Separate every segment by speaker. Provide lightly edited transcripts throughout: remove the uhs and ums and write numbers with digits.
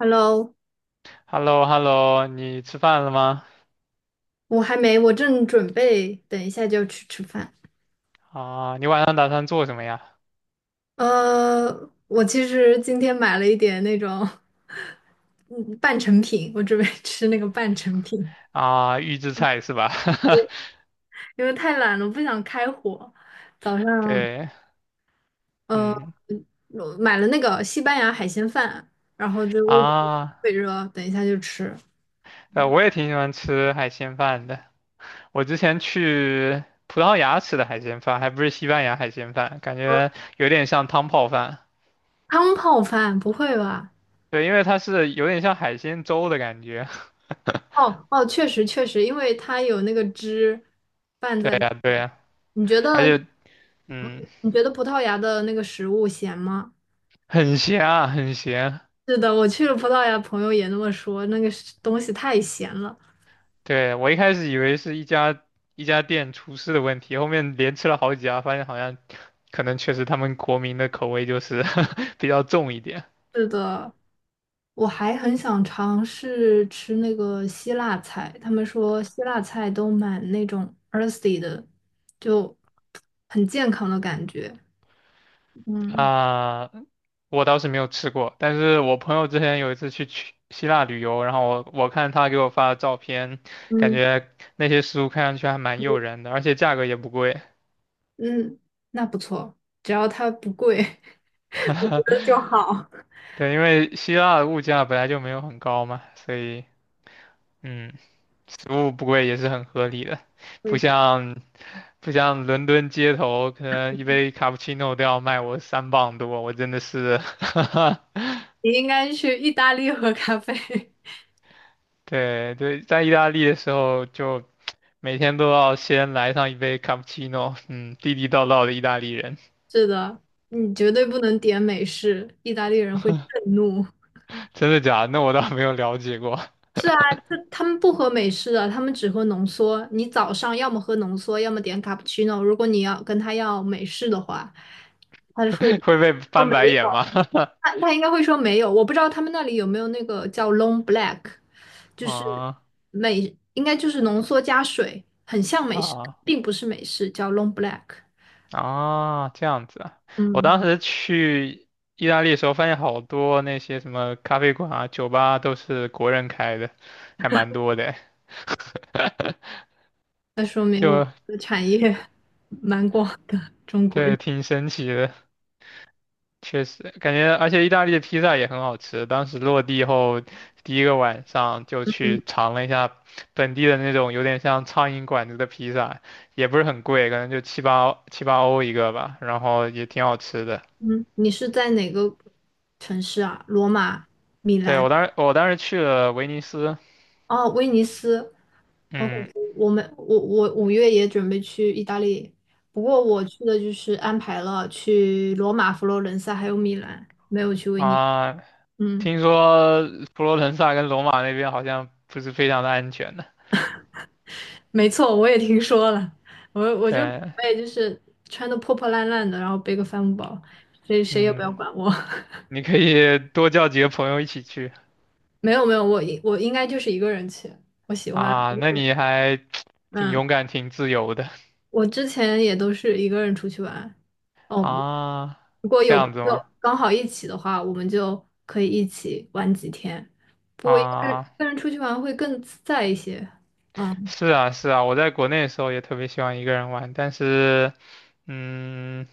Speaker 1: Hello，
Speaker 2: Hello hello 你吃饭了吗？
Speaker 1: 我还没，我正准备等一下就要去吃饭。
Speaker 2: 啊，你晚上打算做什么呀？
Speaker 1: 我其实今天买了一点那种，嗯，半成品，我准备 吃那个半成品，
Speaker 2: 啊，预制菜是吧？
Speaker 1: 因为太懒了，我不想开火。早 上，
Speaker 2: 对，
Speaker 1: 呃，
Speaker 2: 嗯，
Speaker 1: 我买了那个西班牙海鲜饭，然后就微波
Speaker 2: 啊，
Speaker 1: 特热，等一下就吃。
Speaker 2: 我也挺喜欢吃海鲜饭的。我之前去葡萄牙吃的海鲜饭，还不是西班牙海鲜饭，感觉有点像汤泡饭。
Speaker 1: 汤泡饭，不会吧？
Speaker 2: 对，因为它是有点像海鲜粥的感觉。
Speaker 1: 哦哦，确实确实，因为它有那个汁 拌
Speaker 2: 对
Speaker 1: 在。
Speaker 2: 呀，对呀，
Speaker 1: 你觉
Speaker 2: 而
Speaker 1: 得，
Speaker 2: 且，
Speaker 1: 嗯，
Speaker 2: 嗯，
Speaker 1: 你觉得葡萄牙的那个食物咸吗？
Speaker 2: 很咸啊，很咸。
Speaker 1: 是的，我去了葡萄牙，朋友也那么说，那个是东西太咸了。
Speaker 2: 对，我一开始以为是一家店厨师的问题，后面连吃了好几家，发现好像可能确实他们国民的口味就是 比较重一点
Speaker 1: 是的，我还很想尝试吃那个希腊菜，他们说希腊菜都蛮那种 earthy 的，就很健康的感觉。嗯
Speaker 2: 啊。我倒是没有吃过，但是我朋友之前有一次去希腊旅游，然后我看他给我发的照片，感
Speaker 1: 嗯
Speaker 2: 觉那些食物看上去还蛮
Speaker 1: 嗯，
Speaker 2: 诱人的，而且价格也不贵。
Speaker 1: 嗯那不错，只要它不贵 就好。
Speaker 2: 对，因为希腊的物价本来就没有很高嘛，所以嗯。食物不贵也是很合理的，不
Speaker 1: 对。
Speaker 2: 像不像伦敦街头，可能一杯卡布奇诺都要卖我三磅多，我真的是，
Speaker 1: 你应该去意大利喝咖啡。
Speaker 2: 对对，在意大利的时候就每天都要先来上一杯卡布奇诺，嗯，地地道道的意大利人，
Speaker 1: 是的，你绝对不能点美式，意大利人会震怒。
Speaker 2: 真的假的？那我倒没有了解过，
Speaker 1: 是啊，这他们不喝美式的，他们只喝浓缩。你早上要么喝浓缩，要么点卡布奇诺。如果你要跟他要美式的话，他就会
Speaker 2: 会被
Speaker 1: 说
Speaker 2: 翻白
Speaker 1: 没有，
Speaker 2: 眼吗？
Speaker 1: 他应该会说没有。我不知道他们那里有没有那个叫 long black，就是
Speaker 2: 啊
Speaker 1: 美，应该就是浓缩加水，很像美式，
Speaker 2: 啊。
Speaker 1: 并不是美式，叫 long black。
Speaker 2: 啊，这样子啊！我
Speaker 1: 嗯。
Speaker 2: 当时去意大利的时候，发现好多那些什么咖啡馆啊、酒吧啊都是国人开的，还蛮多的，
Speaker 1: 那说明
Speaker 2: 就
Speaker 1: 我们的产业 蛮广的，中国人。
Speaker 2: 对，挺神奇的。确实，感觉而且意大利的披萨也很好吃。当时落地后第一个晚上就去尝了一下本地的那种有点像苍蝇馆子的披萨，也不是很贵，可能就七八欧一个吧，然后也挺好吃的。
Speaker 1: 嗯，你是在哪个城市啊？罗马、米
Speaker 2: 对，
Speaker 1: 兰？
Speaker 2: 我当时去了威尼斯。
Speaker 1: 哦，威尼斯。好恐
Speaker 2: 嗯
Speaker 1: 怖！我们5月也准备去意大利，不过我去的就是安排了去罗马、佛罗伦萨还有米兰，没有去威尼斯。
Speaker 2: 啊，
Speaker 1: 嗯，
Speaker 2: 听说佛罗伦萨跟罗马那边好像不是非常的安全的。
Speaker 1: 没错，我也听说了。我就准
Speaker 2: 对，
Speaker 1: 备就是穿的破破烂烂的，然后背个帆布包，谁也不要
Speaker 2: 嗯，
Speaker 1: 管我。
Speaker 2: 你可以多叫几个朋友一起去
Speaker 1: 没有没有，我应该就是一个人去，我喜欢。
Speaker 2: 啊，那你还 挺
Speaker 1: 嗯，
Speaker 2: 勇敢、挺自由的
Speaker 1: 我之前也都是一个人出去玩。哦，
Speaker 2: 啊，
Speaker 1: 如果
Speaker 2: 这
Speaker 1: 有朋
Speaker 2: 样子吗？
Speaker 1: 友刚好一起的话，我们就可以一起玩几天。不过一个人
Speaker 2: 啊，
Speaker 1: 一个人出去玩会更自在一些。嗯，
Speaker 2: 是啊，是啊，我在国内的时候也特别喜欢一个人玩，但是，嗯，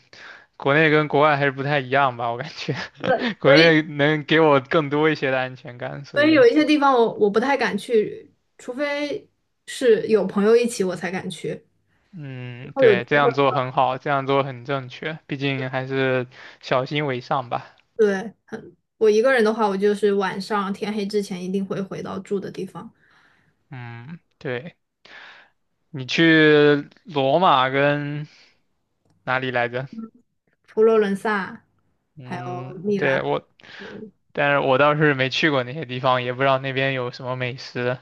Speaker 2: 国内跟国外还是不太一样吧，我感觉
Speaker 1: 对，
Speaker 2: 国
Speaker 1: 所以
Speaker 2: 内能给我更多一些的安全感，所
Speaker 1: 所以有
Speaker 2: 以。
Speaker 1: 一些地方我不太敢去，除非是有朋友一起我才敢去。然
Speaker 2: 嗯，
Speaker 1: 后有
Speaker 2: 对，这
Speaker 1: 机会。
Speaker 2: 样做很好，这样做很正确，毕竟还是小心为上吧。
Speaker 1: 对，我一个人的话，我就是晚上天黑之前一定会回到住的地方。
Speaker 2: 嗯，对，你去罗马跟哪里来着？
Speaker 1: 佛罗伦萨，还有
Speaker 2: 嗯，
Speaker 1: 米兰。
Speaker 2: 对，但是我倒是没去过那些地方，也不知道那边有什么美食。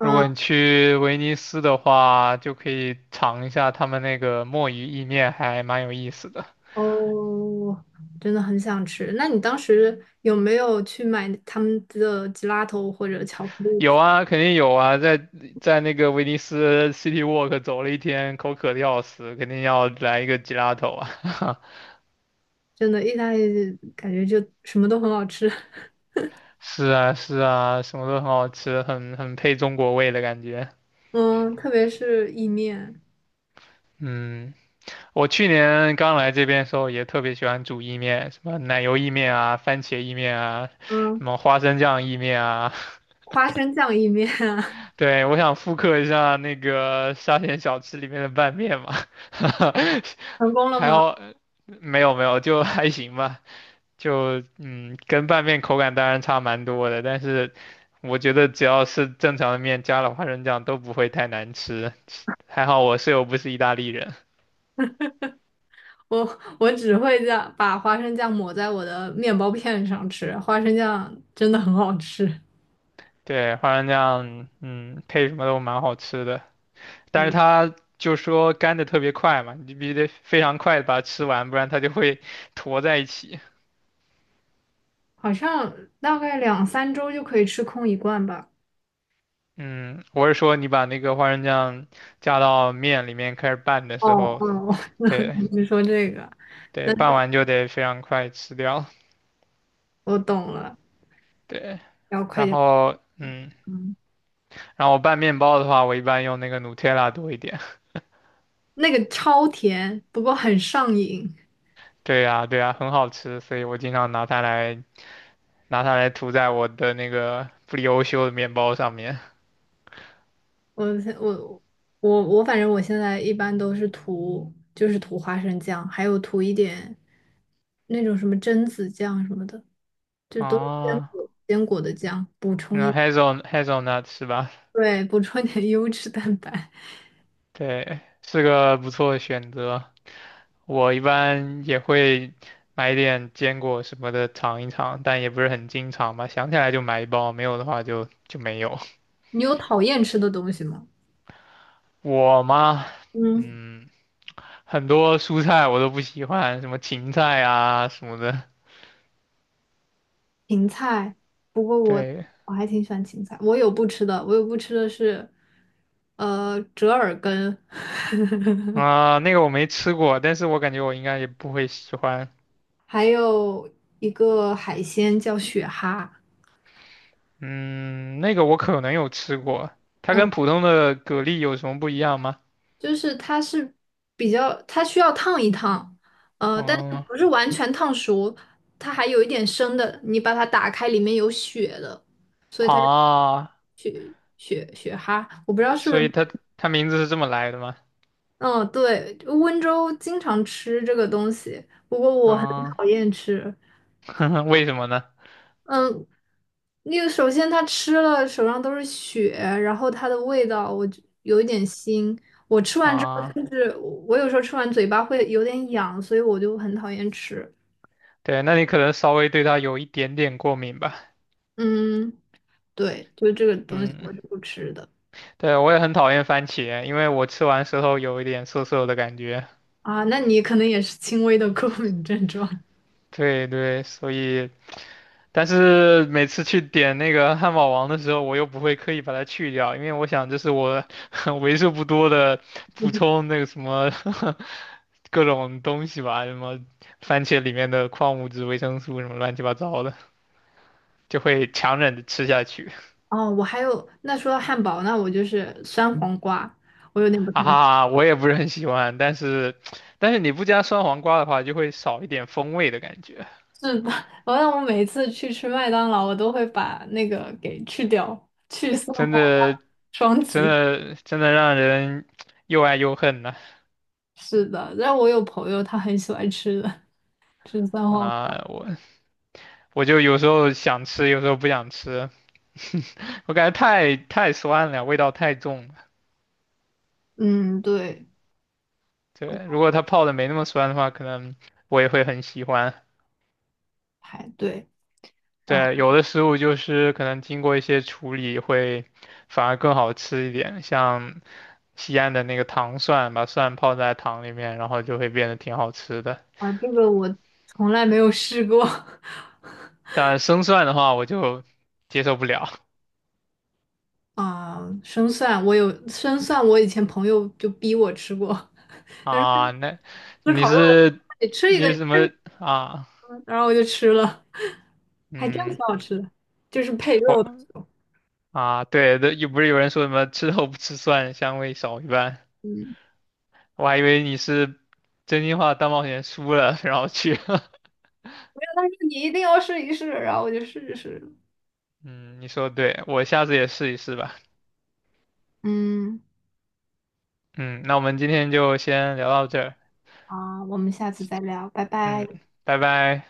Speaker 2: 如果你去威尼斯的话，就可以尝一下他们那个墨鱼意面，还蛮有意思的。
Speaker 1: 哦，真的很想吃。那你当时有没有去买他们的吉拉头或者巧克力
Speaker 2: 有
Speaker 1: 吃？
Speaker 2: 啊，肯定有啊，在那个威尼斯 City Walk 走了一天，口渴的要死，肯定要来一个 gelato 啊！
Speaker 1: 真的，意大利感觉就什么都很好吃。
Speaker 2: 是啊，是啊，什么都很好吃，很配中国味的感觉。
Speaker 1: 嗯，特别是意面，
Speaker 2: 嗯，我去年刚来这边的时候也特别喜欢煮意面，什么奶油意面啊、番茄意面啊、
Speaker 1: 嗯，
Speaker 2: 什么花生酱意面啊。
Speaker 1: 花生酱意面啊
Speaker 2: 对，我想复刻一下那个沙县小吃里面的拌面嘛，
Speaker 1: 成功了
Speaker 2: 还
Speaker 1: 吗？
Speaker 2: 好没有没有，就还行吧。就嗯，跟拌面口感当然差蛮多的，但是我觉得只要是正常的面，加了花生酱都不会太难吃。还好我室友不是意大利人，
Speaker 1: 我只会这样把花生酱抹在我的面包片上吃，花生酱真的很好吃。
Speaker 2: 对，花生酱，嗯，配什么都蛮好吃的。但是
Speaker 1: 嗯。
Speaker 2: 它就说干的特别快嘛，你必须得非常快的把它吃完，不然它就会 坨在一起。
Speaker 1: 好像大概两三周就可以吃空一罐吧。
Speaker 2: 嗯，我是说你把那个花生酱加到面里面开始拌的
Speaker 1: 哦
Speaker 2: 时候，
Speaker 1: 哦，
Speaker 2: 对
Speaker 1: 你是说这个？那
Speaker 2: 对，拌完就得非常快吃掉，
Speaker 1: 我懂了，
Speaker 2: 对。
Speaker 1: 要快
Speaker 2: 然
Speaker 1: 点。
Speaker 2: 后，嗯，
Speaker 1: 嗯，
Speaker 2: 然后我拌面包的话，我一般用那个 Nutella 多一点。
Speaker 1: 那个超甜，不过很上瘾。
Speaker 2: 对呀，对呀，很好吃，所以我经常拿它来涂在我的那个布里欧修的面包上面。
Speaker 1: 我现我我，反正我现在一般都是涂，就是涂花生酱，还有涂一点那种什么榛子酱什么的，就都是坚
Speaker 2: 啊，
Speaker 1: 果坚果的酱，补充
Speaker 2: 那
Speaker 1: 一，
Speaker 2: Hazelnut 是吧？
Speaker 1: 对，补充一点优质蛋白。
Speaker 2: 对，是个不错的选择。我一般也会买一点坚果什么的尝一尝，但也不是很经常吧。想起来就买一包，没有的话就就没有。
Speaker 1: 你有讨厌吃的东西吗？
Speaker 2: 我嘛，
Speaker 1: 嗯。
Speaker 2: 嗯，很多蔬菜我都不喜欢，什么芹菜啊什么的。
Speaker 1: 芹菜，不过我
Speaker 2: 对
Speaker 1: 我还挺喜欢芹菜。我有不吃的，我有不吃的是，折耳根，
Speaker 2: 啊，那个我没吃过，但是我感觉我应该也不会喜欢。
Speaker 1: 还有一个海鲜叫雪蛤。
Speaker 2: 嗯，那个我可能有吃过，它
Speaker 1: 嗯，
Speaker 2: 跟普通的蛤蜊有什么不一样吗？
Speaker 1: 就是它是比较，它需要烫一烫，但是
Speaker 2: 哦
Speaker 1: 不是完全烫熟，它还有一点生的。你把它打开，里面有血的
Speaker 2: 啊，
Speaker 1: 雪蛤，我不知道是不
Speaker 2: 所
Speaker 1: 是。
Speaker 2: 以它名字是这么来的吗？
Speaker 1: 嗯，对，温州经常吃这个东西，不过我很
Speaker 2: 啊，
Speaker 1: 讨厌吃。
Speaker 2: 为什么呢？
Speaker 1: 嗯，那个首先他吃了手上都是血，然后它的味道我就有一点腥。我吃完之后，
Speaker 2: 啊，
Speaker 1: 甚至我有时候吃完嘴巴会有点痒，所以我就很讨厌吃。
Speaker 2: 对，那你可能稍微对它有一点点过敏吧。
Speaker 1: 嗯，对，就这个东西
Speaker 2: 嗯，
Speaker 1: 我是不吃的
Speaker 2: 对，我也很讨厌番茄，因为我吃完舌头有一点涩涩的感觉。
Speaker 1: 啊。那你可能也是轻微的过敏症状。
Speaker 2: 对对，所以。但是每次去点那个汉堡王的时候，我又不会刻意把它去掉，因为我想这是我 为数不多的补 充那个什么 各种东西吧，什么番茄里面的矿物质、维生素什么乱七八糟的，就会强忍着吃下去。
Speaker 1: 哦，我还有，那说到汉堡，那我就是酸黄瓜，我有点不
Speaker 2: 啊
Speaker 1: 太。能。
Speaker 2: 哈，我也不是很喜欢，但是你不加酸黄瓜的话，就会少一点风味的感觉，
Speaker 1: 是的，好像我每次去吃麦当劳，我都会把那个给去掉，去丝滑
Speaker 2: 真的
Speaker 1: 双击。
Speaker 2: 真的让人又爱又恨呢。
Speaker 1: 是的，但我有朋友他很喜欢吃的，吃三花黄。
Speaker 2: 啊，我就有时候想吃，有时候不想吃，我感觉太酸了，味道太重了。
Speaker 1: 嗯，对，
Speaker 2: 对，如果它泡的没那么酸的话，可能我也会很喜欢。
Speaker 1: 排队。然后
Speaker 2: 对，有的食物就是可能经过一些处理会反而更好吃一点，像西安的那个糖蒜，把蒜泡在糖里面，然后就会变得挺好吃的。
Speaker 1: 啊，这个我从来没有试过。
Speaker 2: 但生蒜的话，我就接受不了
Speaker 1: 啊，生蒜我有生蒜，我以前朋友就逼我吃过，
Speaker 2: 啊。那
Speaker 1: 吃
Speaker 2: 你
Speaker 1: 烤肉的，
Speaker 2: 是
Speaker 1: 你吃一
Speaker 2: 你
Speaker 1: 个，你
Speaker 2: 是什
Speaker 1: 吃
Speaker 2: 么
Speaker 1: 一
Speaker 2: 啊？
Speaker 1: 个，然后我就吃了，还真
Speaker 2: 嗯，
Speaker 1: 挺好吃的，就是配肉的
Speaker 2: 我
Speaker 1: 时候
Speaker 2: 啊，对的，又不是有人说什么吃肉不吃蒜，香味少一半，
Speaker 1: 嗯。
Speaker 2: 我还以为你是真心话大冒险输了，然后去
Speaker 1: 他说你一定要试一试，然后我就试一试了
Speaker 2: 嗯，你说的对，我下次也试一试吧。
Speaker 1: 嗯，
Speaker 2: 嗯，那我们今天就先聊到这儿。
Speaker 1: 好，我们下次再聊，拜拜。
Speaker 2: 嗯，拜拜。